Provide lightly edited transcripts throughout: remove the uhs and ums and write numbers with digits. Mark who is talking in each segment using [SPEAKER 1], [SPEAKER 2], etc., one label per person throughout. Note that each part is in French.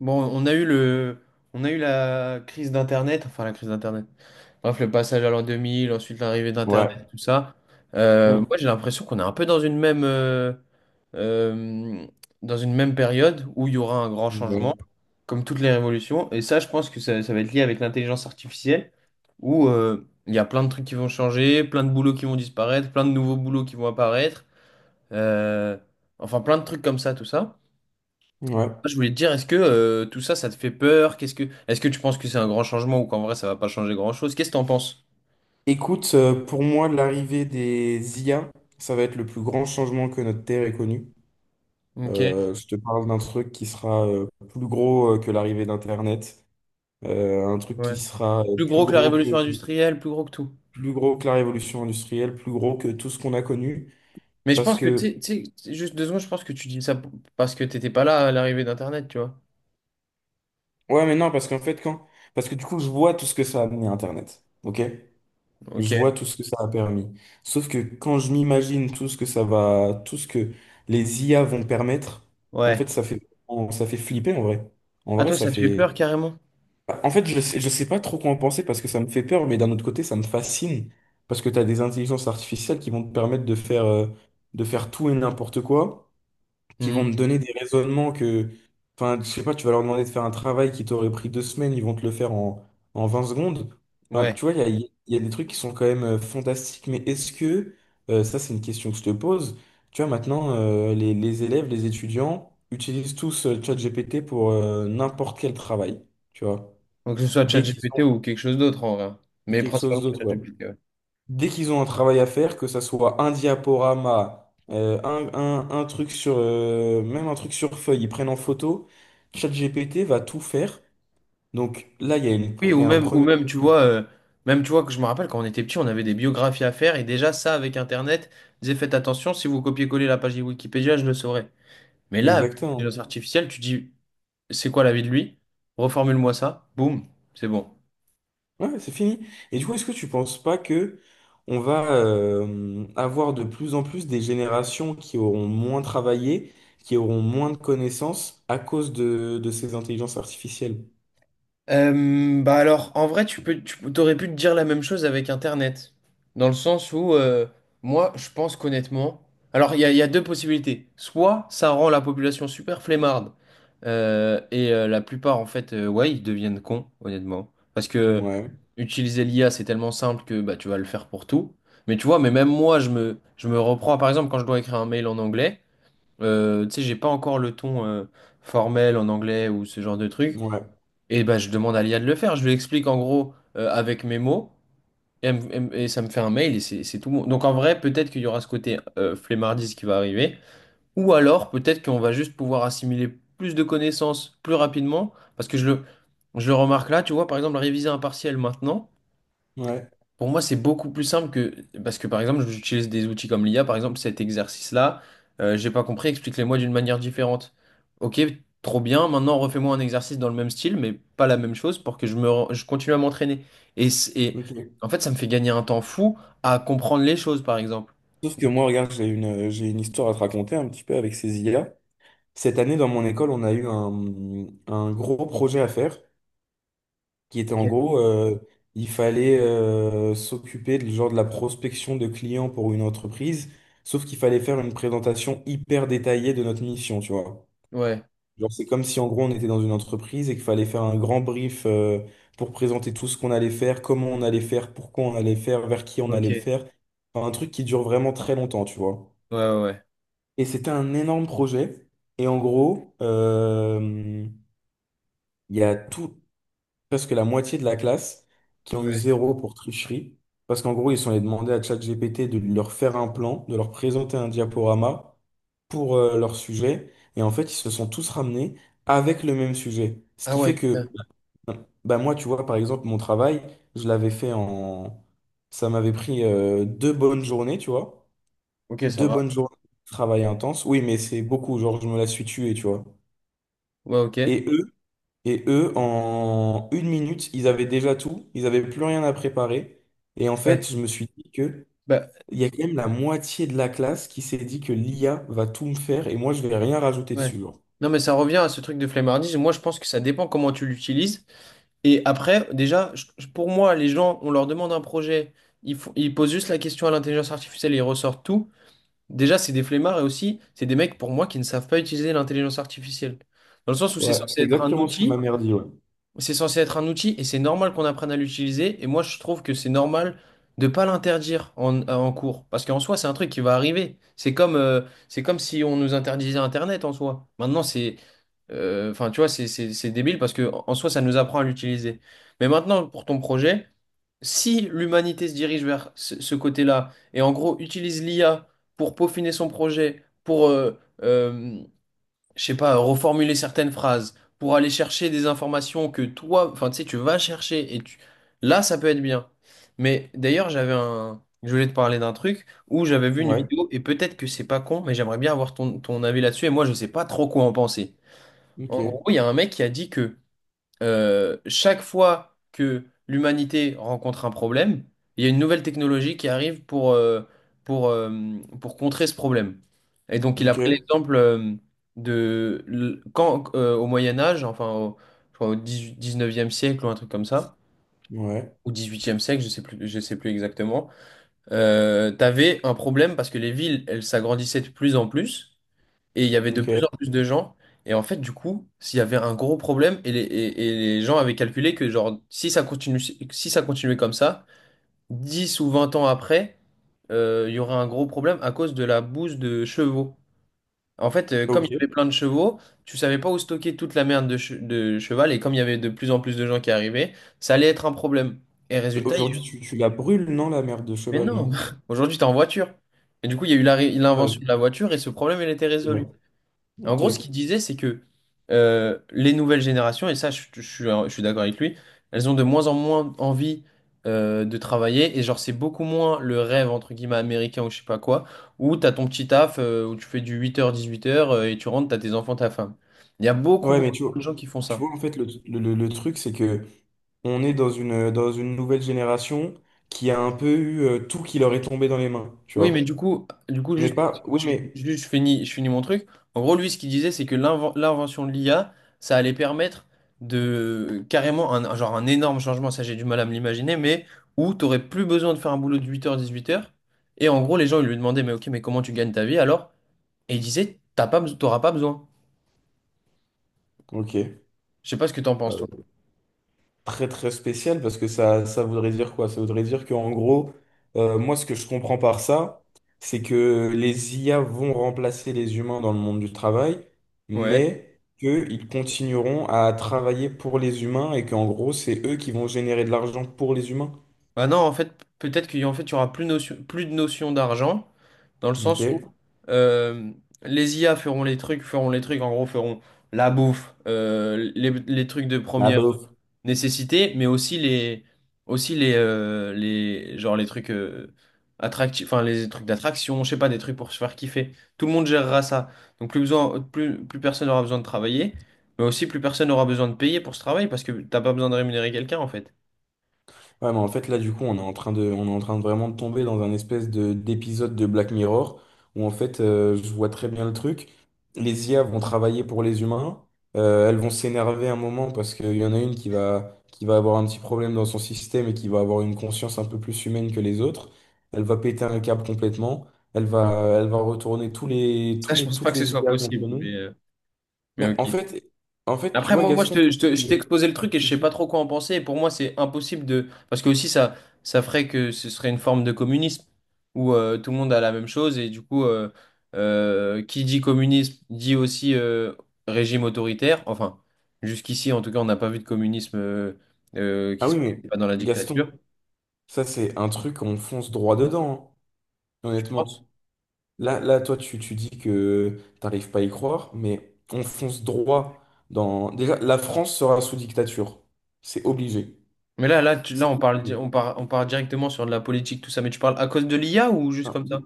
[SPEAKER 1] Bon, on a eu la crise d'Internet, enfin la crise d'Internet. Bref, le passage à l'an 2000, ensuite l'arrivée d'Internet,
[SPEAKER 2] Ouais.
[SPEAKER 1] tout ça.
[SPEAKER 2] Mm.
[SPEAKER 1] Moi, j'ai l'impression qu'on est un peu euh, dans une même période où il y aura un grand changement,
[SPEAKER 2] Ouais.
[SPEAKER 1] comme toutes les révolutions. Et ça, je pense que ça va être lié avec l'intelligence artificielle, où il y a plein de trucs qui vont changer, plein de boulots qui vont disparaître, plein de nouveaux boulots qui vont apparaître. Euh, enfin, plein de trucs comme ça, tout ça.
[SPEAKER 2] Ouais.
[SPEAKER 1] Je voulais te dire, est-ce que tout ça, ça te fait peur? Est-ce que tu penses que c'est un grand changement ou qu'en vrai, ça va pas changer grand-chose? Qu'est-ce que t'en penses?
[SPEAKER 2] Écoute, pour moi, l'arrivée des IA, ça va être le plus grand changement que notre Terre ait connu.
[SPEAKER 1] Ok.
[SPEAKER 2] Je te parle d'un truc qui sera plus gros que l'arrivée d'Internet, un truc qui
[SPEAKER 1] Ouais.
[SPEAKER 2] sera
[SPEAKER 1] Plus gros que la révolution industrielle, plus gros que tout.
[SPEAKER 2] plus gros que la révolution industrielle, plus gros que tout ce qu'on a connu.
[SPEAKER 1] Mais je
[SPEAKER 2] Parce
[SPEAKER 1] pense que,
[SPEAKER 2] que,
[SPEAKER 1] tu sais, juste 2 secondes, je pense que tu dis ça parce que t'étais pas là à l'arrivée d'Internet, tu vois.
[SPEAKER 2] ouais, mais non, parce qu'en fait, quand, Parce que du coup, je vois tout ce que ça a amené Internet. OK? Je
[SPEAKER 1] Ok.
[SPEAKER 2] vois tout ce que ça a permis. Sauf que quand je m'imagine tout ce que ça va, tout ce que les IA vont permettre, en
[SPEAKER 1] Ouais.
[SPEAKER 2] fait, ça fait, ça fait flipper en vrai. En
[SPEAKER 1] Ah,
[SPEAKER 2] vrai,
[SPEAKER 1] toi,
[SPEAKER 2] ça
[SPEAKER 1] ça te fait
[SPEAKER 2] fait.
[SPEAKER 1] peur carrément?
[SPEAKER 2] En fait, je sais pas trop quoi en penser parce que ça me fait peur, mais d'un autre côté, ça me fascine parce que tu as des intelligences artificielles qui vont te permettre de faire tout et n'importe quoi qui vont
[SPEAKER 1] Mhm.
[SPEAKER 2] me donner des raisonnements que, enfin, je sais pas, tu vas leur demander de faire un travail qui t'aurait pris deux semaines, ils vont te le faire en, en 20 secondes. Enfin,
[SPEAKER 1] Ouais.
[SPEAKER 2] tu vois, il y a des trucs qui sont quand même fantastiques, mais ça c'est une question que je te pose, tu vois, maintenant, les élèves, les étudiants utilisent tous ChatGPT pour n'importe quel travail, tu vois,
[SPEAKER 1] Donc, que ce soit
[SPEAKER 2] dès qu'ils
[SPEAKER 1] ChatGPT
[SPEAKER 2] ont
[SPEAKER 1] ou quelque chose d'autre en vrai. Mais
[SPEAKER 2] quelque chose
[SPEAKER 1] principalement
[SPEAKER 2] d'autre. Ouais,
[SPEAKER 1] ChatGPT.
[SPEAKER 2] dès qu'ils ont un travail à faire, que ça soit un diaporama, un truc sur, même un truc sur feuille, ils prennent en photo, ChatGPT va tout faire. Donc là, il y a une,
[SPEAKER 1] Oui,
[SPEAKER 2] il
[SPEAKER 1] ou
[SPEAKER 2] y a un
[SPEAKER 1] même, ou
[SPEAKER 2] premier.
[SPEAKER 1] même, tu vois, même, tu vois, que je me rappelle quand on était petit, on avait des biographies à faire, et déjà, ça, avec Internet, disait, faites attention, si vous copiez-collez la page de Wikipédia, je le saurais. Mais là, avec
[SPEAKER 2] Exactement.
[SPEAKER 1] l'intelligence artificielle, tu dis, c'est quoi la vie de lui? Reformule-moi ça, boum, c'est bon.
[SPEAKER 2] Ouais, c'est fini. Et du coup, est-ce que tu penses pas que on va avoir de plus en plus des générations qui auront moins travaillé, qui auront moins de connaissances à cause de ces intelligences artificielles?
[SPEAKER 1] Bah alors, en vrai, tu t'aurais pu te dire la même chose avec Internet. Dans le sens où, moi, je pense qu'honnêtement, alors il y a deux possibilités. Soit ça rend la population super flemmarde, et la plupart, en fait, ouais, ils deviennent cons, honnêtement. Parce que
[SPEAKER 2] Ouais,
[SPEAKER 1] utiliser l'IA, c'est tellement simple que bah, tu vas le faire pour tout. Mais tu vois, mais même moi, je me reprends, par exemple, quand je dois écrire un mail en anglais. Tu sais, j'ai pas encore le ton formel en anglais ou ce genre de truc.
[SPEAKER 2] ouais,
[SPEAKER 1] Et bah, je demande à l'IA de le faire. Je lui explique en gros avec mes mots. Et, et ça me fait un mail et c'est tout bon. Donc en vrai, peut-être qu'il y aura ce côté flemmardise qui va arriver. Ou alors, peut-être qu'on va juste pouvoir assimiler plus de connaissances plus rapidement. Parce que je le remarque là, tu vois, par exemple, réviser un partiel maintenant.
[SPEAKER 2] ouais.
[SPEAKER 1] Pour moi, c'est beaucoup plus simple que... Parce que, par exemple, j'utilise des outils comme l'IA. Par exemple, cet exercice-là, j'ai pas compris, explique-le-moi d'une manière différente. Ok, trop bien. Maintenant, refais-moi un exercice dans le même style, mais pas la même chose pour que je continue à m'entraîner. Et
[SPEAKER 2] Ok.
[SPEAKER 1] en fait, ça me fait gagner un temps fou à comprendre les choses, par exemple.
[SPEAKER 2] Sauf que moi, regarde, j'ai une histoire à te raconter un petit peu avec ces IA. Cette année, dans mon école, on a eu un gros projet à faire qui était en
[SPEAKER 1] Ok.
[SPEAKER 2] gros, il fallait s'occuper de, genre, de la prospection de clients pour une entreprise, sauf qu'il fallait faire une présentation hyper détaillée de notre mission, tu vois.
[SPEAKER 1] Ouais,
[SPEAKER 2] Genre, c'est comme si en gros, on était dans une entreprise et qu'il fallait faire un grand brief pour présenter tout ce qu'on allait faire, comment on allait faire, pourquoi on allait faire, vers qui on
[SPEAKER 1] ok.
[SPEAKER 2] allait le
[SPEAKER 1] Ouais,
[SPEAKER 2] faire. Enfin, un truc qui dure vraiment très longtemps, tu vois.
[SPEAKER 1] ouais. Ouais.
[SPEAKER 2] Et c'était un énorme projet. Et en gros, il y a tout, presque la moitié de la classe qui ont eu
[SPEAKER 1] Ouais.
[SPEAKER 2] zéro pour tricherie. Parce qu'en gros, ils sont allés demander à ChatGPT de leur faire un plan, de leur présenter un diaporama pour leur sujet. Et en fait, ils se sont tous ramenés avec le même sujet. Ce
[SPEAKER 1] Ah
[SPEAKER 2] qui
[SPEAKER 1] ouais,
[SPEAKER 2] fait que,
[SPEAKER 1] putain.
[SPEAKER 2] bah, moi, tu vois, par exemple, mon travail, je l'avais fait en... Ça m'avait pris deux bonnes journées, tu vois.
[SPEAKER 1] Ok, ça
[SPEAKER 2] Deux
[SPEAKER 1] va.
[SPEAKER 2] bonnes journées de travail intense. Oui, mais c'est beaucoup. Genre, je me la suis tué, tu vois.
[SPEAKER 1] Ouais, ok.
[SPEAKER 2] Et eux, et eux, en une minute, ils avaient déjà tout. Ils n'avaient plus rien à préparer. Et en
[SPEAKER 1] Ouais.
[SPEAKER 2] fait, je me suis dit que
[SPEAKER 1] Bah,
[SPEAKER 2] il y a quand même la moitié de la classe qui s'est dit que l'IA va tout me faire et moi, je vais rien rajouter
[SPEAKER 1] ouais.
[SPEAKER 2] dessus, genre.
[SPEAKER 1] Non, mais ça revient à ce truc de flemmardise. Moi, je pense que ça dépend comment tu l'utilises. Et après, déjà, pour moi, les gens, on leur demande un projet, ils posent juste la question à l'intelligence artificielle et ils ressortent tout. Déjà, c'est des flemmards et aussi, c'est des mecs, pour moi, qui ne savent pas utiliser l'intelligence artificielle. Dans le sens où
[SPEAKER 2] Ouais, c'est exactement ce que ma mère dit, ouais.
[SPEAKER 1] c'est censé être un outil et c'est normal qu'on apprenne à l'utiliser. Et moi, je trouve que c'est normal de pas l'interdire en cours. Parce qu'en soi, c'est un truc qui va arriver. C'est comme si on nous interdisait Internet en soi. Maintenant, c'est, enfin, tu vois, c'est débile parce que en soi, ça nous apprend à l'utiliser. Mais maintenant, pour ton projet, si l'humanité se dirige vers ce côté-là et en gros utilise l'IA pour peaufiner son projet, pour je sais pas, reformuler certaines phrases pour aller chercher des informations que toi, enfin, tu sais, tu vas chercher et tu... là, ça peut être bien. Mais d'ailleurs, j'avais un... Je voulais te parler d'un truc où j'avais vu une
[SPEAKER 2] Ouais,
[SPEAKER 1] vidéo et peut-être que c'est pas con, mais j'aimerais bien avoir ton avis là-dessus et moi, je sais pas trop quoi en penser.
[SPEAKER 2] ok,
[SPEAKER 1] En gros, il y a un mec qui a dit que chaque fois que l'humanité rencontre un problème, il y a une nouvelle technologie qui arrive pour, euh, pour contrer ce problème. Et donc, il a
[SPEAKER 2] ok,
[SPEAKER 1] pris l'exemple de quand au Moyen Âge, enfin au, je crois au 18 19e siècle ou un truc comme ça,
[SPEAKER 2] ouais,
[SPEAKER 1] ou dix-huitième siècle, je sais plus exactement, tu avais un problème parce que les villes, elles s'agrandissaient de plus en plus. Et il y avait de plus
[SPEAKER 2] ok,
[SPEAKER 1] en plus de gens. Et en fait, du coup, s'il y avait un gros problème, et les gens avaient calculé que genre, si ça continue, si ça continuait comme ça, 10 ou 20 ans après, il y aurait un gros problème à cause de la bouse de chevaux. En fait, comme il y
[SPEAKER 2] ok.
[SPEAKER 1] avait plein de chevaux, tu savais pas où stocker toute la merde de cheval, et comme il y avait de plus en plus de gens qui arrivaient, ça allait être un problème. Et
[SPEAKER 2] Et
[SPEAKER 1] résultat, il y a eu...
[SPEAKER 2] aujourd'hui, tu la brûles, non, la merde de
[SPEAKER 1] Mais
[SPEAKER 2] cheval,
[SPEAKER 1] non,
[SPEAKER 2] non?
[SPEAKER 1] aujourd'hui, t'es en voiture. Et du coup, il y a eu
[SPEAKER 2] Ah
[SPEAKER 1] l'invention
[SPEAKER 2] oui,
[SPEAKER 1] de la voiture, et ce problème, il était
[SPEAKER 2] c'est vrai.
[SPEAKER 1] résolu. En
[SPEAKER 2] Ok.
[SPEAKER 1] gros, ce qu'il disait, c'est que les nouvelles générations, et ça, je suis d'accord avec lui, elles ont de moins en moins envie de travailler. Et genre, c'est beaucoup moins le rêve, entre guillemets, américain ou je sais pas quoi, où t'as ton petit taf, où tu fais du 8h-18h et tu rentres, t'as tes enfants, ta femme. Il y a beaucoup,
[SPEAKER 2] Ouais,
[SPEAKER 1] beaucoup
[SPEAKER 2] mais
[SPEAKER 1] de gens qui font
[SPEAKER 2] tu
[SPEAKER 1] ça.
[SPEAKER 2] vois en fait, le truc, c'est que on est dans une nouvelle génération qui a un peu eu tout qui leur est tombé dans les mains, tu
[SPEAKER 1] Oui, mais
[SPEAKER 2] vois.
[SPEAKER 1] du coup,
[SPEAKER 2] On n'est
[SPEAKER 1] juste,
[SPEAKER 2] pas. Oui, mais.
[SPEAKER 1] je finis mon truc. En gros, lui, ce qu'il disait, c'est que l'invention de l'IA, ça allait permettre de carrément genre un énorme changement, ça j'ai du mal à me l'imaginer, mais où tu n'aurais plus besoin de faire un boulot de 8h, 18h. Et en gros, les gens, ils lui demandaient, mais ok, mais comment tu gagnes ta vie alors? Et il disait, t'auras pas besoin.
[SPEAKER 2] Ok.
[SPEAKER 1] Je sais pas ce que t'en penses,
[SPEAKER 2] Euh,
[SPEAKER 1] toi.
[SPEAKER 2] très, très spécial parce que ça voudrait dire quoi? Ça voudrait dire qu'en gros, moi, ce que je comprends par ça, c'est que les IA vont remplacer les humains dans le monde du travail,
[SPEAKER 1] Ouais.
[SPEAKER 2] mais qu'ils continueront à travailler pour les humains et qu'en gros, c'est eux qui vont générer de l'argent pour les humains.
[SPEAKER 1] Bah non, en fait, peut-être qu'il y en fait, il y aura plus de notion d'argent, dans le sens où
[SPEAKER 2] Ok.
[SPEAKER 1] euh, les IA feront les trucs, en gros, feront la bouffe, les trucs de
[SPEAKER 2] La
[SPEAKER 1] première
[SPEAKER 2] bof.
[SPEAKER 1] nécessité, mais aussi genre les trucs attractifs, enfin les trucs d'attraction, je sais pas, des trucs pour se faire kiffer. Tout le monde gérera ça. Donc plus besoin, plus, plus personne n'aura besoin de travailler, mais aussi plus personne n'aura besoin de payer pour ce travail, parce que t'as pas besoin de rémunérer quelqu'un, en fait.
[SPEAKER 2] Ouais, mais en fait, là, du coup, on est en train de vraiment de tomber dans un espèce de, d'épisode de Black Mirror où, en fait, je vois très bien le truc. Les IA vont travailler pour les humains. Elles vont s'énerver un moment parce qu'il y en a une qui va avoir un petit problème dans son système et qui va avoir une conscience un peu plus humaine que les autres. Elle va péter un câble complètement. Elle va retourner
[SPEAKER 1] Ça, je pense
[SPEAKER 2] toutes
[SPEAKER 1] pas que ce
[SPEAKER 2] les
[SPEAKER 1] soit
[SPEAKER 2] IA contre
[SPEAKER 1] possible, mais...
[SPEAKER 2] nous.
[SPEAKER 1] Mais
[SPEAKER 2] Mais
[SPEAKER 1] ok.
[SPEAKER 2] en fait, en fait, tu
[SPEAKER 1] Après,
[SPEAKER 2] vois,
[SPEAKER 1] moi, moi je
[SPEAKER 2] Gaston,
[SPEAKER 1] te, je te- je t'ai
[SPEAKER 2] tu,
[SPEAKER 1] exposé le truc et
[SPEAKER 2] tu
[SPEAKER 1] je sais pas
[SPEAKER 2] dis.
[SPEAKER 1] trop quoi en penser. Et pour moi, c'est impossible de. Parce que aussi, ça ferait que ce serait une forme de communisme où tout le monde a la même chose. Et du coup, qui dit communisme dit aussi régime autoritaire. Enfin, jusqu'ici, en tout cas, on n'a pas vu de communisme
[SPEAKER 2] Ah
[SPEAKER 1] qui se
[SPEAKER 2] oui, mais
[SPEAKER 1] passe pas dans la
[SPEAKER 2] Gaston.
[SPEAKER 1] dictature,
[SPEAKER 2] Ça, c'est un truc, on fonce droit dedans, hein,
[SPEAKER 1] je pense.
[SPEAKER 2] honnêtement. Là, là, toi, tu dis que t'arrives pas à y croire, mais on fonce droit dans... Déjà, la France sera sous dictature. C'est obligé.
[SPEAKER 1] Mais là
[SPEAKER 2] C'est
[SPEAKER 1] on parle,
[SPEAKER 2] obligé.
[SPEAKER 1] on part directement sur de la politique, tout ça. Mais tu parles à cause de l'IA ou juste
[SPEAKER 2] Enfin,
[SPEAKER 1] comme ça?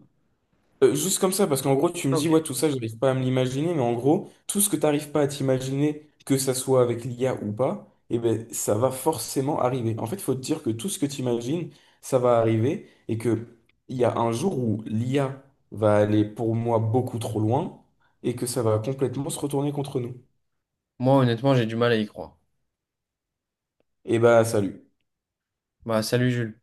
[SPEAKER 2] Juste comme ça, parce qu'en gros, tu me
[SPEAKER 1] Ah,
[SPEAKER 2] dis,
[SPEAKER 1] ok.
[SPEAKER 2] ouais, tout ça, j'arrive pas à me l'imaginer, mais en gros, tout ce que t'arrives pas à t'imaginer, que ça soit avec l'IA ou pas, eh ben, ça va forcément arriver. En fait, il faut te dire que tout ce que t'imagines, ça va arriver, et que il y a un jour où l'IA va aller pour moi beaucoup trop loin, et que ça va complètement se retourner contre nous.
[SPEAKER 1] Moi, honnêtement, j'ai du mal à y croire.
[SPEAKER 2] Et bah, salut.
[SPEAKER 1] Bah, salut, Jules.